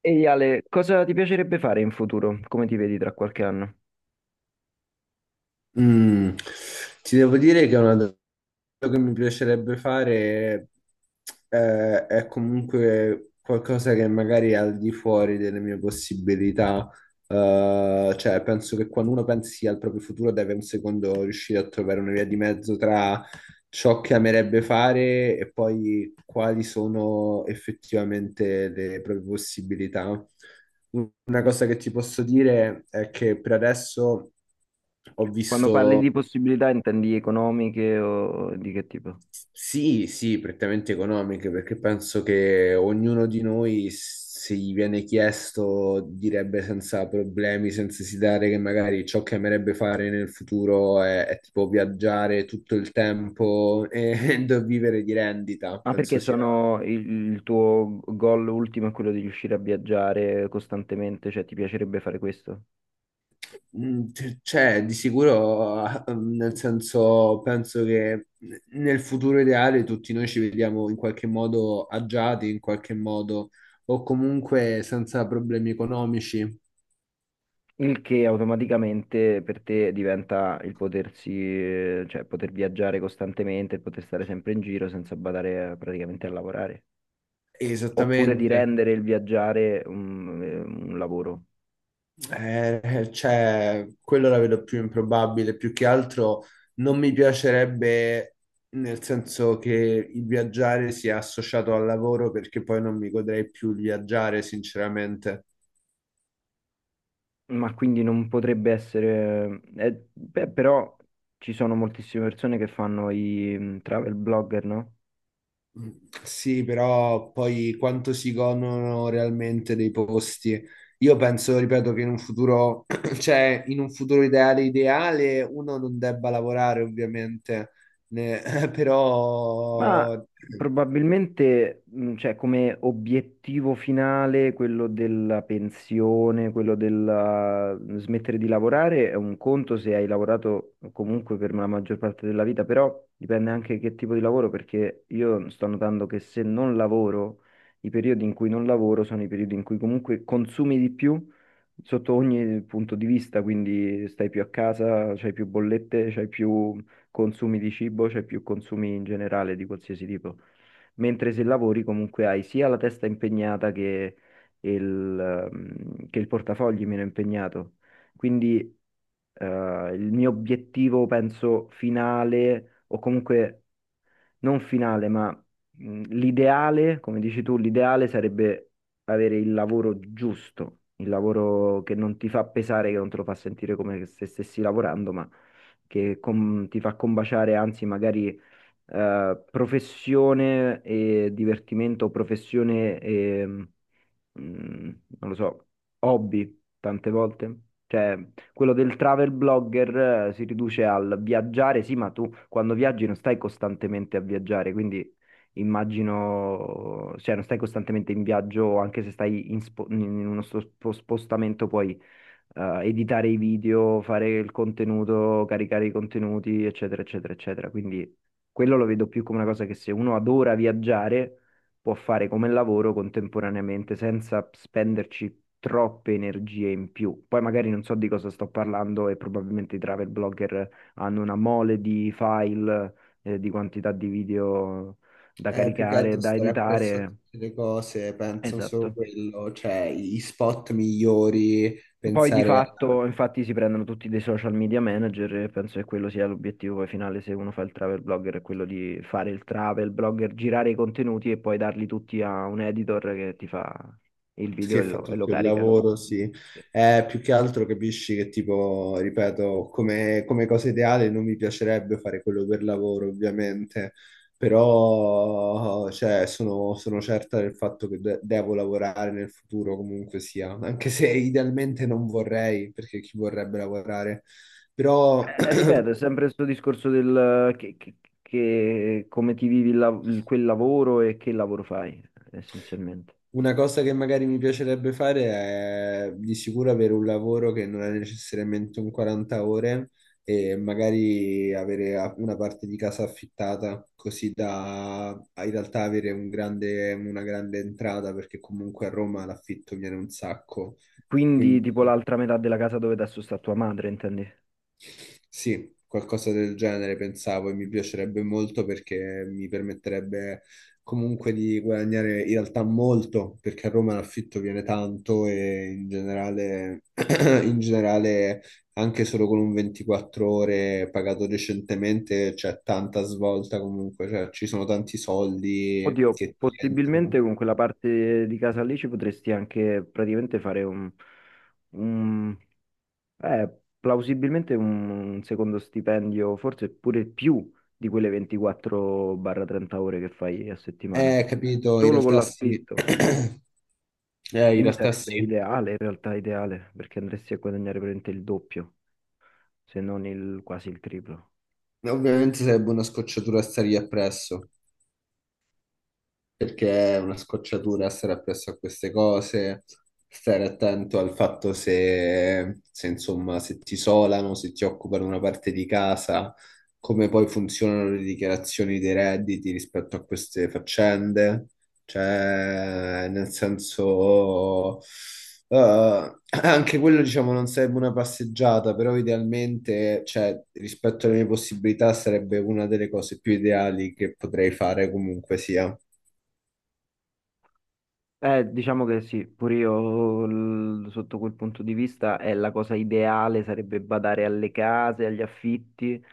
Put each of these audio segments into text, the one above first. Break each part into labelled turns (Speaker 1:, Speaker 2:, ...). Speaker 1: Ehi Ale, cosa ti piacerebbe fare in futuro? Come ti vedi tra qualche anno?
Speaker 2: Mm, ti devo dire che è una quello che mi piacerebbe fare è comunque qualcosa che magari è al di fuori delle mie possibilità. Cioè, penso che quando uno pensi al proprio futuro deve un secondo riuscire a trovare una via di mezzo tra ciò che amerebbe fare e poi quali sono effettivamente le proprie possibilità. Una cosa che ti posso dire è che per adesso ho
Speaker 1: Quando
Speaker 2: visto.
Speaker 1: parli di possibilità intendi economiche o di che tipo?
Speaker 2: Sì, sì, prettamente economiche, perché penso che ognuno di noi, se gli viene chiesto, direbbe senza problemi, senza esitare che magari ciò che amerebbe fare nel futuro è tipo viaggiare tutto il tempo e, vivere di rendita.
Speaker 1: Ah, perché
Speaker 2: Penso sia.
Speaker 1: sono il tuo goal ultimo è quello di riuscire a viaggiare costantemente, cioè ti piacerebbe fare questo?
Speaker 2: Cioè, di sicuro, nel senso, penso che nel futuro ideale tutti noi ci vediamo in qualche modo agiati, in qualche modo, o comunque senza problemi economici.
Speaker 1: Il che automaticamente per te diventa il potersi, cioè poter viaggiare costantemente, il poter stare sempre in giro senza badare praticamente a lavorare. Oppure di
Speaker 2: Esattamente.
Speaker 1: rendere il viaggiare un lavoro.
Speaker 2: Cioè, quello la vedo più improbabile. Più che altro non mi piacerebbe, nel senso che il viaggiare sia associato al lavoro, perché poi non mi godrei più il viaggiare, sinceramente.
Speaker 1: Ma quindi non potrebbe essere... beh, però ci sono moltissime persone che fanno i mm, travel blogger, no?
Speaker 2: Sì, però poi quanto si godono realmente dei posti? Io penso, ripeto, che in un futuro, cioè in un futuro ideale, ideale, uno non debba lavorare ovviamente, ne-
Speaker 1: Ma
Speaker 2: però
Speaker 1: probabilmente, cioè, come obiettivo finale, quello della pensione, quello del smettere di lavorare, è un conto se hai lavorato comunque per la maggior parte della vita, però dipende anche che tipo di lavoro, perché io sto notando che se non lavoro, i periodi in cui non lavoro sono i periodi in cui comunque consumi di più sotto ogni punto di vista, quindi stai più a casa, c'hai più bollette, c'hai più consumi di cibo, cioè più consumi in generale di qualsiasi tipo. Mentre se lavori comunque hai sia la testa impegnata che il, che il portafogli meno impegnato. Quindi eh, il mio obiettivo, penso, finale o comunque non finale, ma l'ideale, come dici tu, l'ideale sarebbe avere il lavoro giusto, il lavoro che non ti fa pesare, che non te lo fa sentire come se stessi lavorando, ma che ti fa combaciare, anzi, magari professione e divertimento, professione e mm, non lo so, hobby tante volte. Cioè, quello del travel blogger si riduce al viaggiare, sì, ma tu quando viaggi non stai costantemente a viaggiare, quindi immagino, cioè non stai costantemente in viaggio, anche se stai in uno spostamento, puoi editare i video, fare il contenuto, caricare i contenuti, eccetera, eccetera, eccetera. Quindi quello lo vedo più come una cosa che se uno adora viaggiare può fare come lavoro contemporaneamente senza spenderci troppe energie in più. Poi magari non so di cosa sto parlando e probabilmente i travel blogger hanno una mole di file, di quantità di video da
Speaker 2: è più che
Speaker 1: caricare,
Speaker 2: altro
Speaker 1: da
Speaker 2: stare appresso a
Speaker 1: editare.
Speaker 2: tutte le cose, penso solo
Speaker 1: Esatto.
Speaker 2: quello, cioè i spot migliori,
Speaker 1: Poi di
Speaker 2: pensare a
Speaker 1: fatto, infatti, si prendono tutti dei social media manager e penso che quello sia l'obiettivo poi finale se uno fa il travel blogger, è quello di fare il travel blogger, girare i contenuti e poi darli tutti a un editor che ti fa il video
Speaker 2: che
Speaker 1: e
Speaker 2: fa
Speaker 1: lo, e lo
Speaker 2: tutto il
Speaker 1: carica.
Speaker 2: lavoro, sì. Più che altro capisci che tipo, ripeto, come cosa ideale non mi piacerebbe fare quello per lavoro, ovviamente, però cioè, sono certa del fatto che devo lavorare nel futuro comunque sia, anche se idealmente non vorrei, perché chi vorrebbe lavorare? Però
Speaker 1: Ripeto, è sempre questo discorso del eh, che, che- come ti vivi il quel lavoro e che lavoro fai, essenzialmente.
Speaker 2: una cosa che magari mi piacerebbe fare è di sicuro avere un lavoro che non è necessariamente un 40 ore e magari avere una parte di casa affittata, così da in realtà avere una grande entrata, perché comunque a Roma l'affitto viene un sacco.
Speaker 1: Quindi,
Speaker 2: Quindi
Speaker 1: tipo l'altra metà della casa dove adesso sta tua madre, intendi?
Speaker 2: sì, qualcosa del genere pensavo e mi piacerebbe molto perché mi permetterebbe comunque di guadagnare in realtà molto, perché a Roma l'affitto viene tanto e in generale, in generale anche solo con un 24 ore pagato decentemente c'è tanta svolta comunque, cioè ci sono tanti soldi
Speaker 1: Oddio,
Speaker 2: che ti
Speaker 1: possibilmente
Speaker 2: entrano.
Speaker 1: con quella parte di casa lì ci potresti anche praticamente fare un- eh, plausibilmente un secondo stipendio, forse pure più di quelle 24-30 ore che fai a settimana,
Speaker 2: Capito, in
Speaker 1: solo con
Speaker 2: realtà sì.
Speaker 1: l'affitto.
Speaker 2: In
Speaker 1: Quindi
Speaker 2: realtà
Speaker 1: sarebbe
Speaker 2: sì.
Speaker 1: ideale, in realtà ideale, perché andresti a guadagnare praticamente il doppio, se non quasi il triplo.
Speaker 2: Ovviamente sarebbe una scocciatura stare lì appresso, perché è una scocciatura stare appresso a queste cose, stare attento al fatto se, se, insomma, se ti isolano, se ti occupano una parte di casa, come poi funzionano le dichiarazioni dei redditi rispetto a queste faccende. Cioè, nel senso, anche quello, diciamo, non sarebbe una passeggiata, però idealmente, cioè, rispetto alle mie possibilità, sarebbe una delle cose più ideali che potrei fare comunque sia.
Speaker 1: Diciamo che sì, pure io sotto quel punto di vista è la cosa ideale, sarebbe badare alle case, agli affitti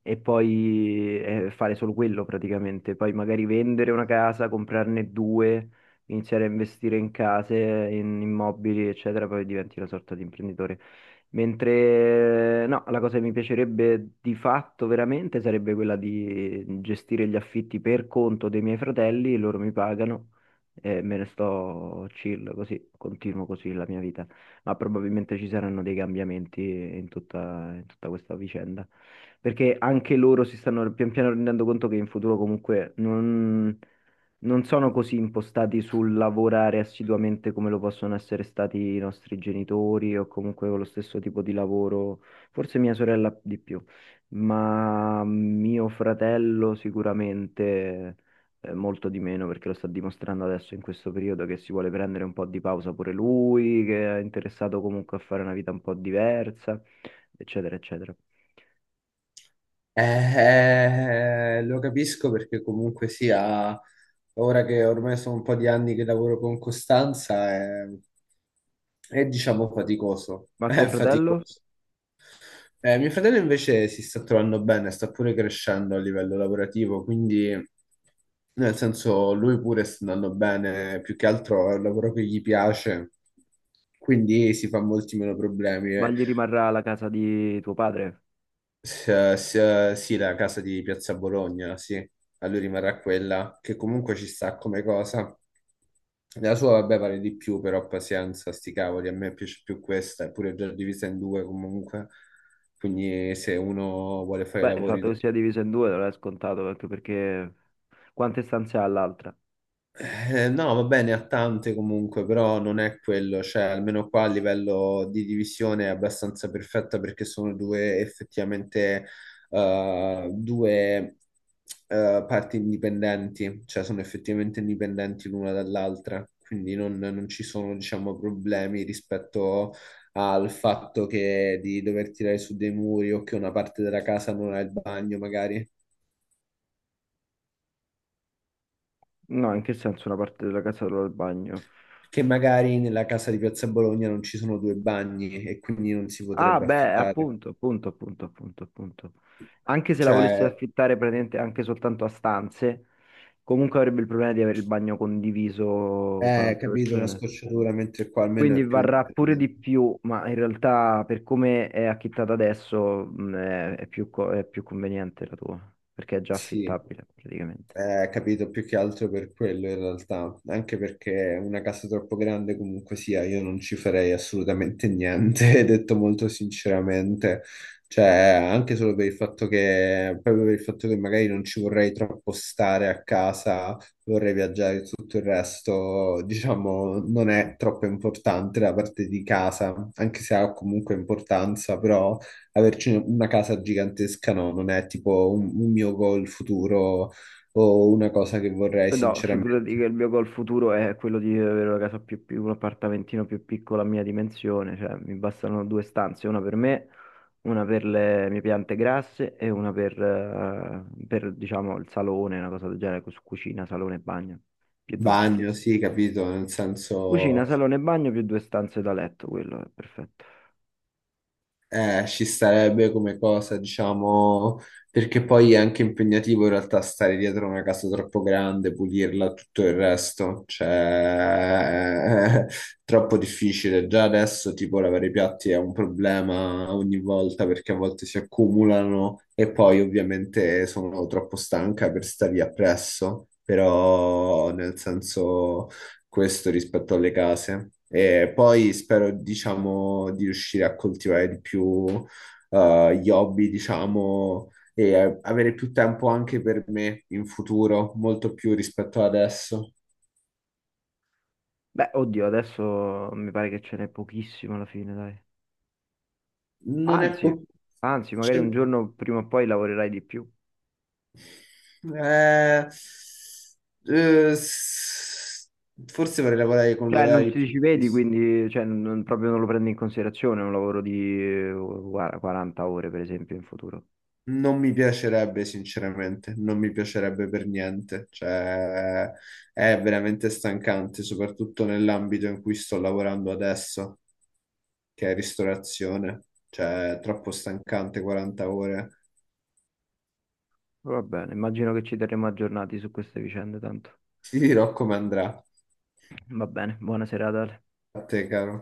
Speaker 1: e poi fare solo quello praticamente, poi magari vendere una casa, comprarne due, iniziare a investire in case, in immobili, eccetera, poi diventi una sorta di imprenditore. Mentre no, la cosa che mi piacerebbe di fatto veramente sarebbe quella di gestire gli affitti per conto dei miei fratelli, loro mi pagano e me ne sto chill così, continuo così la mia vita. Ma probabilmente ci saranno dei cambiamenti in tutta questa vicenda. Perché anche loro si stanno pian piano rendendo conto che in futuro comunque non, non sono così impostati sul lavorare assiduamente come lo possono essere stati i nostri genitori o comunque con lo stesso tipo di lavoro, forse mia sorella di più, ma mio fratello sicuramente molto di meno perché lo sta dimostrando adesso in questo periodo che si vuole prendere un po' di pausa pure lui, che è interessato comunque a fare una vita un po' diversa, eccetera, eccetera.
Speaker 2: Lo capisco perché comunque sia, ora che ormai sono un po' di anni che lavoro con costanza, diciamo faticoso,
Speaker 1: Ma tuo
Speaker 2: è
Speaker 1: fratello?
Speaker 2: faticoso. Mio fratello invece si sta trovando bene, sta pure crescendo a livello lavorativo, quindi nel senso lui pure sta andando bene, più che altro è un lavoro che gli piace, quindi si fa molti meno problemi.
Speaker 1: Ma gli rimarrà la casa di tuo padre?
Speaker 2: S- sì, la casa di Piazza Bologna, sì, a lui rimarrà quella che comunque ci sta come cosa. La sua, vabbè, vale di più, però pazienza, sti cavoli, a me piace più questa, eppure è già divisa in due comunque. Quindi se uno vuole fare i
Speaker 1: Beh, il
Speaker 2: lavori.
Speaker 1: fatto che sia diviso in due non è scontato anche perché quante stanze ha l'altra?
Speaker 2: No, va bene, ha tante comunque, però non è quello, cioè almeno qua a livello di divisione è abbastanza perfetta perché sono due effettivamente due parti indipendenti, cioè sono effettivamente indipendenti l'una dall'altra, quindi non ci sono, diciamo, problemi rispetto al fatto che di dover tirare su dei muri o che una parte della casa non ha il bagno, magari.
Speaker 1: No, in che senso una parte della casa e l'altra del bagno?
Speaker 2: Che magari nella casa di Piazza Bologna non ci sono due bagni e quindi non si
Speaker 1: Ah,
Speaker 2: potrebbe
Speaker 1: beh,
Speaker 2: affittare.
Speaker 1: appunto, appunto, appunto, appunto, appunto. Anche se la volessi
Speaker 2: Cioè,
Speaker 1: affittare praticamente anche soltanto a stanze, comunque avrebbe il problema di avere il bagno condiviso con
Speaker 2: è
Speaker 1: altre
Speaker 2: capito una
Speaker 1: persone.
Speaker 2: scocciatura, mentre qua almeno
Speaker 1: Quindi
Speaker 2: è più
Speaker 1: varrà pure di
Speaker 2: indipendente.
Speaker 1: più, ma in realtà per come è affittata adesso è più, è più conveniente la tua, perché è già
Speaker 2: Sì.
Speaker 1: affittabile praticamente.
Speaker 2: Capito, più che altro per quello in realtà, anche perché una casa troppo grande comunque sia, io non ci farei assolutamente niente, detto molto sinceramente, cioè anche solo per il fatto che, proprio per il fatto che magari non ci vorrei troppo stare a casa, vorrei viaggiare e tutto il resto, diciamo, non è troppo importante la parte di casa, anche se ha comunque importanza, però averci una casa gigantesca no, non è tipo un mio goal futuro o una cosa che vorrei
Speaker 1: No,
Speaker 2: sinceramente.
Speaker 1: figurati che il mio goal futuro è quello di avere una casa più un appartamentino più piccolo a mia dimensione, cioè mi bastano due stanze, una per me, una per le mie piante grasse e una per, diciamo il salone, una cosa del genere, su cucina, salone e bagno, più due stanze.
Speaker 2: Bagno, sì, capito, nel
Speaker 1: Cucina,
Speaker 2: senso
Speaker 1: salone e bagno più due stanze da letto, quello è perfetto.
Speaker 2: ci starebbe come cosa, diciamo, perché poi è anche impegnativo in realtà stare dietro una casa troppo grande, pulirla, tutto il resto, cioè è troppo difficile. Già adesso tipo lavare i piatti è un problema ogni volta perché a volte si accumulano e poi ovviamente sono troppo stanca per stare lì appresso, però nel senso... questo rispetto alle case. E poi spero, diciamo, di riuscire a coltivare di più gli hobby, diciamo, e avere più tempo anche per me in futuro, molto più rispetto ad adesso.
Speaker 1: Beh, oddio, adesso mi pare che ce n'è pochissimo alla fine, dai.
Speaker 2: Non è
Speaker 1: Anzi,
Speaker 2: po-
Speaker 1: anzi, magari
Speaker 2: cioè,
Speaker 1: un giorno prima o poi lavorerai di più.
Speaker 2: eh, s- Forse vorrei lavorare con
Speaker 1: Cioè, non
Speaker 2: orari
Speaker 1: ci
Speaker 2: più
Speaker 1: vedi,
Speaker 2: fissi.
Speaker 1: quindi cioè, proprio non lo prendi in considerazione un lavoro di guarda, 40 ore, per esempio, in futuro.
Speaker 2: Non mi piacerebbe, sinceramente, non mi piacerebbe per niente. Cioè, è veramente stancante, soprattutto nell'ambito in cui sto lavorando adesso, che è ristorazione. Cioè, è troppo stancante, 40 ore.
Speaker 1: Va bene, immagino che ci terremo aggiornati su queste vicende, tanto.
Speaker 2: Ti dirò come andrà.
Speaker 1: Va bene, buona serata. Ale.
Speaker 2: A te, caro.